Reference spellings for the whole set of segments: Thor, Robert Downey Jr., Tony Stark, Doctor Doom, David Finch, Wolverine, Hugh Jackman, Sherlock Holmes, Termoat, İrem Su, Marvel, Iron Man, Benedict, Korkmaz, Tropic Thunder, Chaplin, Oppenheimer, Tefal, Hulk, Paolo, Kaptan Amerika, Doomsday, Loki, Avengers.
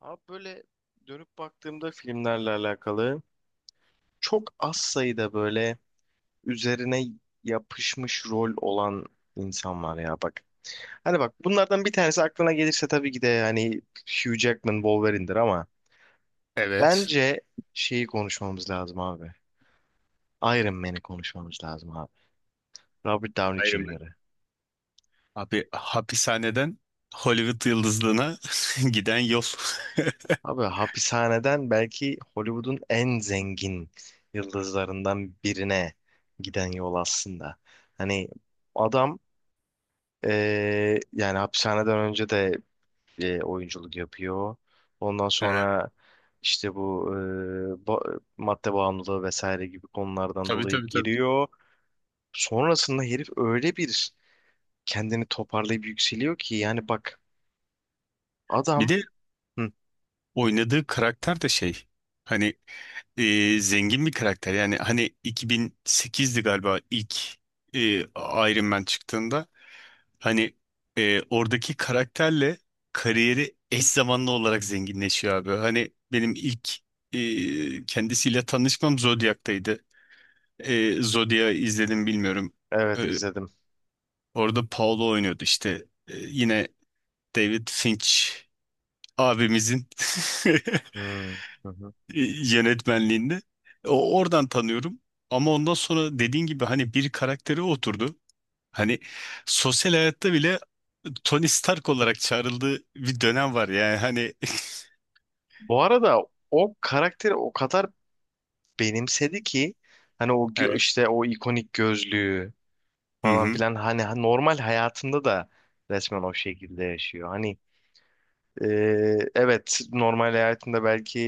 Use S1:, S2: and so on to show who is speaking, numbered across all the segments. S1: Abi böyle dönüp baktığımda filmlerle alakalı çok az sayıda böyle üzerine yapışmış rol olan insan var ya bak. Hani bak bunlardan bir tanesi aklına gelirse tabii ki de yani Hugh Jackman Wolverine'dir ama
S2: Evet.
S1: bence şeyi konuşmamız lazım abi. Iron Man'i konuşmamız lazım abi. Robert Downey
S2: Iron Man.
S1: Jr.'ı.
S2: Abi hapishaneden Hollywood yıldızlığına giden yol.
S1: Abi hapishaneden belki Hollywood'un en zengin yıldızlarından birine giden yol aslında. Hani adam yani hapishaneden önce de oyunculuk yapıyor. Ondan
S2: Evet.
S1: sonra işte bu madde bağımlılığı vesaire gibi konulardan
S2: Tabii
S1: dolayı
S2: tabii tabii.
S1: giriyor. Sonrasında herif öyle bir kendini toparlayıp yükseliyor ki yani bak
S2: Bir
S1: adam.
S2: de
S1: Hı,
S2: oynadığı karakter de hani zengin bir karakter. Yani hani 2008'di galiba ilk e, Iron Man çıktığında hani oradaki karakterle kariyeri eş zamanlı olarak zenginleşiyor abi. Hani benim ilk kendisiyle tanışmam Zodiac'taydı. Zodiac'ı izledim bilmiyorum.
S1: evet
S2: E,
S1: izledim.
S2: orada Paolo oynuyordu işte. Yine David Finch abimizin
S1: Hmm, hı hı.
S2: yönetmenliğinde. O oradan tanıyorum. Ama ondan sonra dediğin gibi hani bir karakteri oturdu. Hani sosyal hayatta bile Tony Stark olarak çağrıldığı bir dönem var yani hani
S1: Bu arada o karakteri o kadar benimsedi ki hani o
S2: evet.
S1: işte o ikonik gözlüğü
S2: Hı
S1: falan
S2: hı.
S1: filan hani normal hayatında da resmen o şekilde yaşıyor. Hani e, evet normal hayatında belki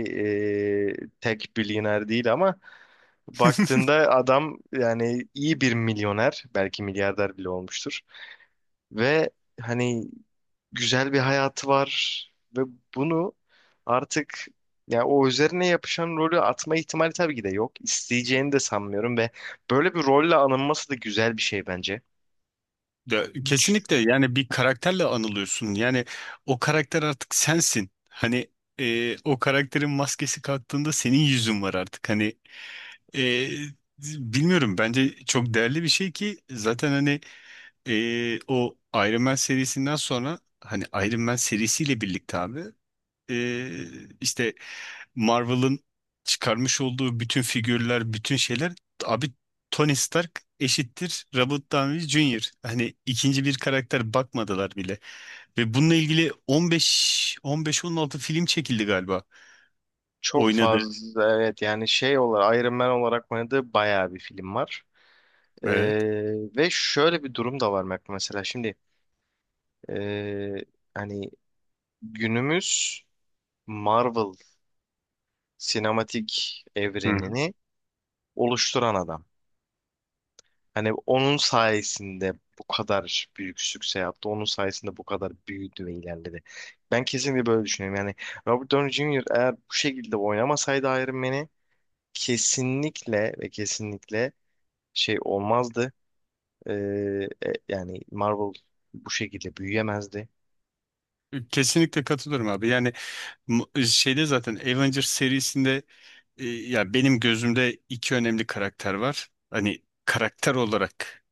S1: tek milyoner değil ama baktığında adam yani iyi bir milyoner belki milyarder bile olmuştur ve hani güzel bir hayatı var ve bunu artık yani o üzerine yapışan rolü atma ihtimali tabii ki de yok. İsteyeceğini de sanmıyorum ve böyle bir rolle anılması da güzel bir şey bence.
S2: De, kesinlikle yani bir karakterle anılıyorsun. Yani o karakter artık sensin. Hani o karakterin maskesi kalktığında senin yüzün var artık. Hani e, bilmiyorum bence çok değerli bir şey ki zaten hani o Iron Man serisinden sonra hani Iron Man serisiyle birlikte abi işte Marvel'ın çıkarmış olduğu bütün figürler, bütün şeyler abi Tony Stark eşittir Robert Downey Jr. Hani ikinci bir karakter bakmadılar bile. Ve bununla ilgili 15 15-16 film çekildi galiba.
S1: Çok
S2: Oynadı.
S1: fazla evet yani şey olarak Iron Man olarak oynadığı bayağı bir film var. Ee,
S2: Evet.
S1: ve şöyle bir durum da var Mac, mesela şimdi ee, hani günümüz Marvel sinematik
S2: Hı
S1: evrenini oluşturan adam. Hani onun sayesinde bu kadar büyük sükse yaptı. Onun sayesinde bu kadar büyüdü ve ilerledi. Ben kesinlikle böyle düşünüyorum. Yani Robert Downey Jr. eğer bu şekilde oynamasaydı Iron Man'i kesinlikle ve kesinlikle şey olmazdı. Ee, yani Marvel bu şekilde büyüyemezdi.
S2: hı. Kesinlikle katılıyorum abi. Yani şeyde zaten Avengers serisinde ya benim gözümde iki önemli karakter var. Hani karakter olarak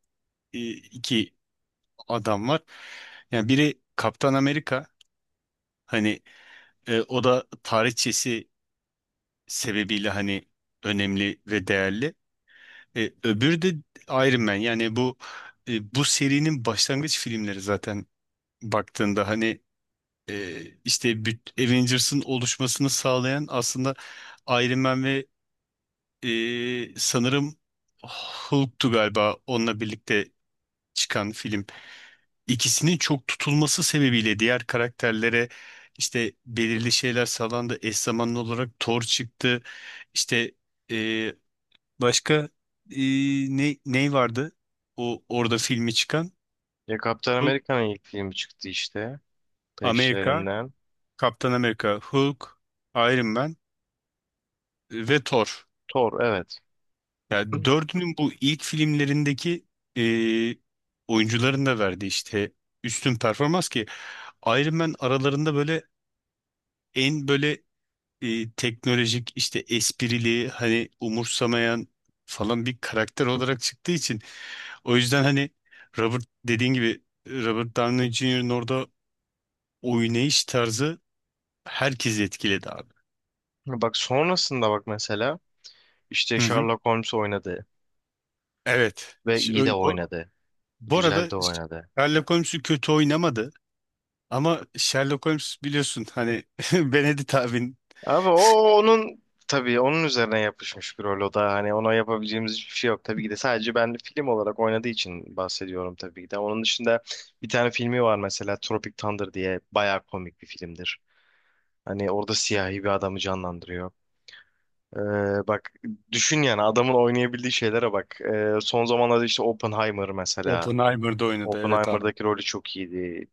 S2: e, iki adam var. Yani biri Kaptan Amerika, hani o da tarihçesi sebebiyle hani önemli ve değerli. Öbürü de Iron Man. Yani bu serinin başlangıç filmleri zaten baktığında hani işte Avengers'ın oluşmasını sağlayan aslında Iron Man ve sanırım Hulk'tu galiba onunla birlikte çıkan film. İkisinin çok tutulması sebebiyle diğer karakterlere işte belirli şeyler sağlandı. Eş zamanlı olarak Thor çıktı. İşte e, başka e, ne vardı? O orada filmi çıkan
S1: Ya Kaptan
S2: Hulk,
S1: Amerika'nın ilk filmi çıktı işte
S2: Amerika,
S1: peşlerinden.
S2: Kaptan Amerika, Hulk, Iron Man ve Thor.
S1: Thor evet.
S2: Yani dördünün bu ilk filmlerindeki e, oyuncuların da verdiği işte üstün performans ki Iron Man aralarında böyle en böyle teknolojik işte esprili hani umursamayan falan bir karakter olarak çıktığı için o yüzden hani dediğin gibi Robert Downey Jr.'ın orada oynayış tarzı herkesi etkiledi abi.
S1: Bak sonrasında bak mesela işte
S2: Hı hı.
S1: Sherlock Holmes oynadı
S2: Evet.
S1: ve iyi de oynadı.
S2: Bu
S1: Güzel
S2: arada
S1: de oynadı.
S2: Sherlock Holmes'u kötü oynamadı ama Sherlock Holmes biliyorsun hani Benedict abin
S1: Abi o onun tabii onun üzerine yapışmış bir rol o da hani ona yapabileceğimiz hiçbir şey yok. Tabii ki de sadece ben film olarak oynadığı için bahsediyorum tabii ki de. Onun dışında bir tane filmi var mesela Tropic Thunder diye bayağı komik bir filmdir. Hani orada siyahi bir adamı canlandırıyor. Bak düşün yani adamın oynayabildiği şeylere bak. Son zamanlarda işte Oppenheimer mesela.
S2: Oppenheimer'da oynadı evet abi.
S1: Oppenheimer'daki rolü çok iyiydi.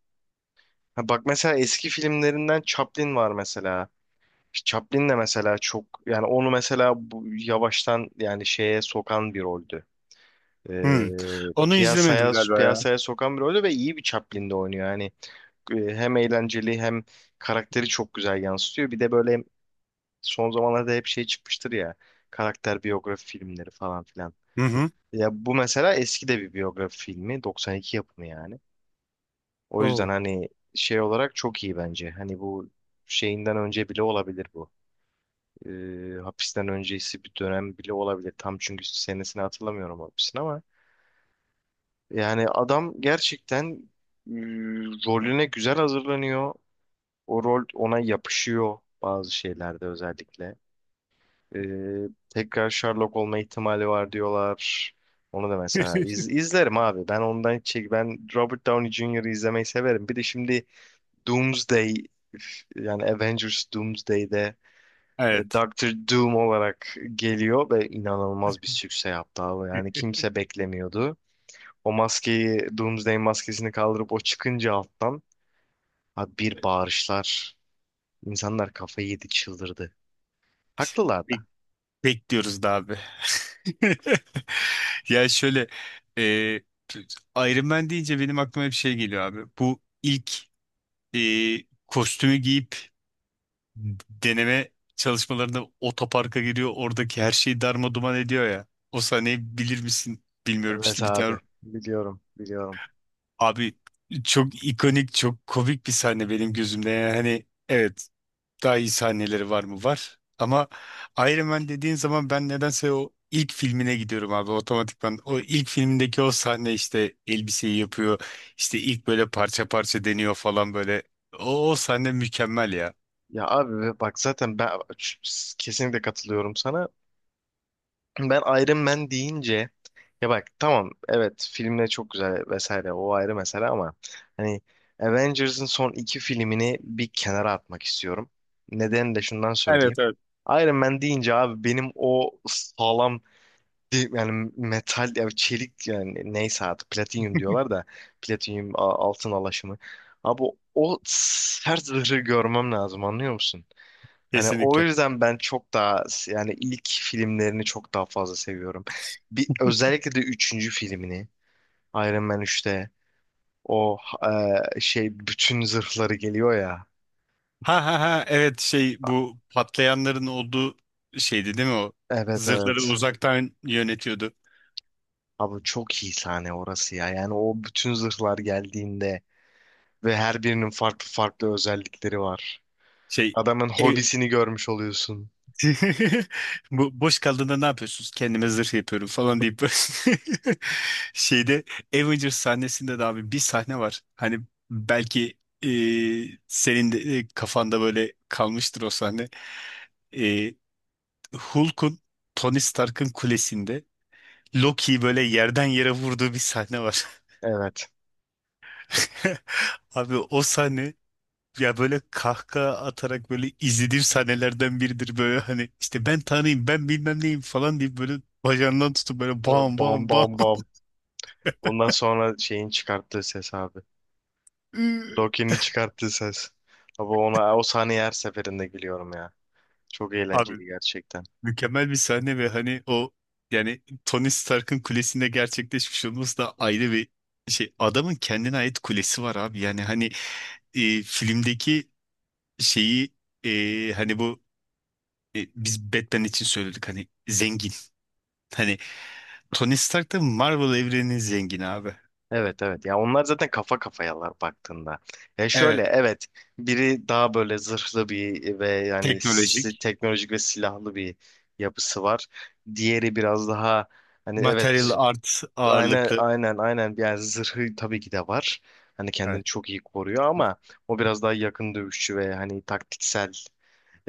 S1: Ha, bak mesela eski filmlerinden Chaplin var mesela. İşte Chaplin de mesela çok yani onu mesela bu, yavaştan yani şeye sokan bir roldü.
S2: Hı.
S1: Ee,
S2: Onu izlemedim
S1: piyasaya
S2: galiba ya.
S1: piyasaya sokan bir roldü ve iyi bir Chaplin'de oynuyor. Yani hem eğlenceli hem karakteri çok güzel yansıtıyor. Bir de böyle son zamanlarda hep şey çıkmıştır ya. Karakter biyografi filmleri falan filan.
S2: Hı hı.
S1: Ya bu mesela eski de bir biyografi filmi. 92 yapımı yani. O yüzden
S2: Oo.
S1: hani şey olarak çok iyi bence. Hani bu şeyinden önce bile olabilir bu. Hapisten öncesi bir dönem bile olabilir. Tam çünkü senesini hatırlamıyorum hapisin ama. Yani adam gerçekten e, rolüne güzel hazırlanıyor. O rol ona yapışıyor bazı şeylerde özellikle. Ee, tekrar Sherlock olma ihtimali var diyorlar. Onu da mesela izlerim abi. Ben ondan hiç çek ben Robert Downey Jr.'ı izlemeyi severim. Bir de şimdi Doomsday yani Avengers Doomsday'de
S2: Evet.
S1: Doctor Doom olarak geliyor ve inanılmaz bir sükse yaptı abi. Yani kimse beklemiyordu. O maskeyi Doomsday maskesini kaldırıp o çıkınca alttan abi bir bağırışlar. İnsanlar kafayı yedi çıldırdı. Haklılar da.
S2: Bekliyoruz da abi. Ya şöyle e, Iron Man deyince benim aklıma bir şey geliyor abi. Bu ilk e, kostümü giyip deneme çalışmalarında otoparka giriyor. Oradaki her şeyi darma duman ediyor ya. O sahneyi bilir misin bilmiyorum
S1: Evet
S2: işte bir tane
S1: abi biliyorum biliyorum.
S2: abi çok ikonik çok komik bir sahne benim gözümde. Yani hani evet. Daha iyi sahneleri var mı? Var. Ama Iron Man dediğin zaman ben nedense o ilk filmine gidiyorum abi otomatikman. O ilk filmindeki o sahne işte elbiseyi yapıyor. İşte ilk böyle parça parça deniyor falan böyle. O sahne mükemmel ya.
S1: Ya abi bak zaten ben kesinlikle katılıyorum sana. Ben Iron Man deyince ya bak tamam evet filmler çok güzel vesaire o ayrı mesele ama hani Avengers'ın son iki filmini bir kenara atmak istiyorum. Neden de şundan
S2: Evet
S1: söyleyeyim.
S2: evet.
S1: Iron Man deyince abi benim o sağlam yani metal ya çelik yani neyse artık platinyum diyorlar da platinyum altın alaşımı. Abi o sert zırhı görmem lazım, anlıyor musun? Hani o
S2: Kesinlikle.
S1: yüzden ben çok daha yani ilk filmlerini çok daha fazla seviyorum. Bir, özellikle de üçüncü filmini Iron Man 3'te o şey bütün zırhları geliyor ya.
S2: Ha ha ha evet bu patlayanların olduğu şeydi değil mi o?
S1: Evet
S2: Zırhları
S1: evet.
S2: uzaktan yönetiyordu.
S1: Abi çok iyi sahne orası ya. Yani o bütün zırhlar geldiğinde ve her birinin farklı farklı özellikleri var.
S2: Şey
S1: Adamın
S2: ev...
S1: hobisini görmüş oluyorsun.
S2: Bu boş kaldığında ne yapıyorsunuz? Kendime zırh yapıyorum falan deyip böyle şeyde Avengers sahnesinde de abi bir sahne var. Hani belki e, senin de kafanda böyle kalmıştır o sahne. E, Hulk'un Tony Stark'ın kulesinde Loki'yi böyle yerden yere vurduğu bir sahne var.
S1: Evet.
S2: Abi o sahne ya böyle kahkaha atarak böyle izlediğim sahnelerden biridir böyle hani işte ben tanıyayım ben bilmem neyim falan deyip böyle bacağından tutup böyle
S1: Böyle
S2: bam
S1: bam
S2: bam bam.
S1: bam bam. Ondan sonra şeyin çıkarttığı ses abi. Loki'nin çıkarttığı ses. Abi ona o sahneye her seferinde gülüyorum ya. Çok
S2: Abi
S1: eğlenceli gerçekten.
S2: mükemmel bir sahne ve hani o yani Tony Stark'ın kulesinde gerçekleşmiş olması da ayrı bir şey. Adamın kendine ait kulesi var abi. Yani hani filmdeki şeyi hani bu biz Batman için söyledik hani zengin. Hani Tony Stark da Marvel evreninin zengini abi.
S1: Evet evet ya onlar zaten kafa kafayalar baktığında. Ya şöyle
S2: Evet.
S1: evet biri daha böyle zırhlı bir ve yani
S2: Teknolojik.
S1: teknolojik ve silahlı bir yapısı var. Diğeri biraz daha hani
S2: Material
S1: evet
S2: art
S1: aynen
S2: ağırlıklı.
S1: aynen aynen yani zırhı tabii ki de var. Hani kendini
S2: Evet.
S1: çok iyi koruyor ama o biraz daha yakın dövüşçü ve hani taktiksel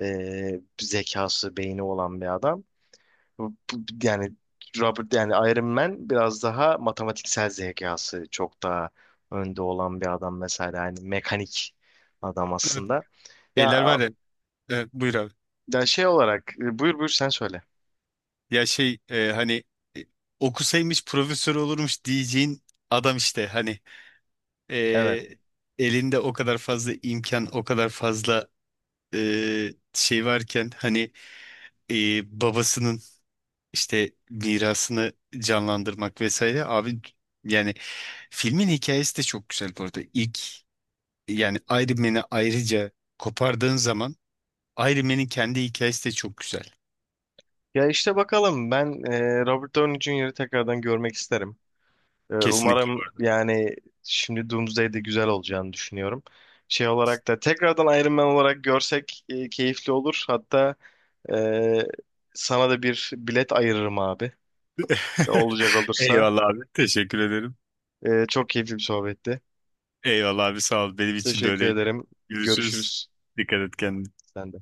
S1: zekası, beyni olan bir adam. Yani Robert yani Iron Man biraz daha matematiksel zekası çok daha önde olan bir adam mesela yani mekanik adam
S2: Evet,
S1: aslında. Ya,
S2: şeyler var ya. Evet, buyur abi.
S1: ya şey olarak buyur buyur sen söyle.
S2: Ya hani e, okusaymış profesör olurmuş diyeceğin adam işte hani e,
S1: Evet.
S2: elinde o kadar fazla imkan, o kadar fazla şey varken hani babasının işte mirasını canlandırmak vesaire abi yani filmin hikayesi de çok güzel bu arada. İlk yani Iron Man'i ayrıca kopardığın zaman Iron Man'in kendi hikayesi de çok güzel.
S1: Ya işte bakalım ben Robert Downey Jr.'ı tekrardan görmek isterim. E,
S2: Kesinlikle bu
S1: umarım
S2: arada.
S1: yani şimdi Doomsday'de güzel olacağını düşünüyorum. Şey olarak da tekrardan Iron Man olarak görsek keyifli olur. Hatta e, sana da bir bilet ayırırım abi. Olacak olursa.
S2: Eyvallah abi. Teşekkür ederim.
S1: Çok keyifli bir sohbetti.
S2: Eyvallah abi sağ ol. Benim için de
S1: Teşekkür
S2: öyleydi.
S1: ederim.
S2: Görüşürüz.
S1: Görüşürüz.
S2: Dikkat et kendine.
S1: Sen de.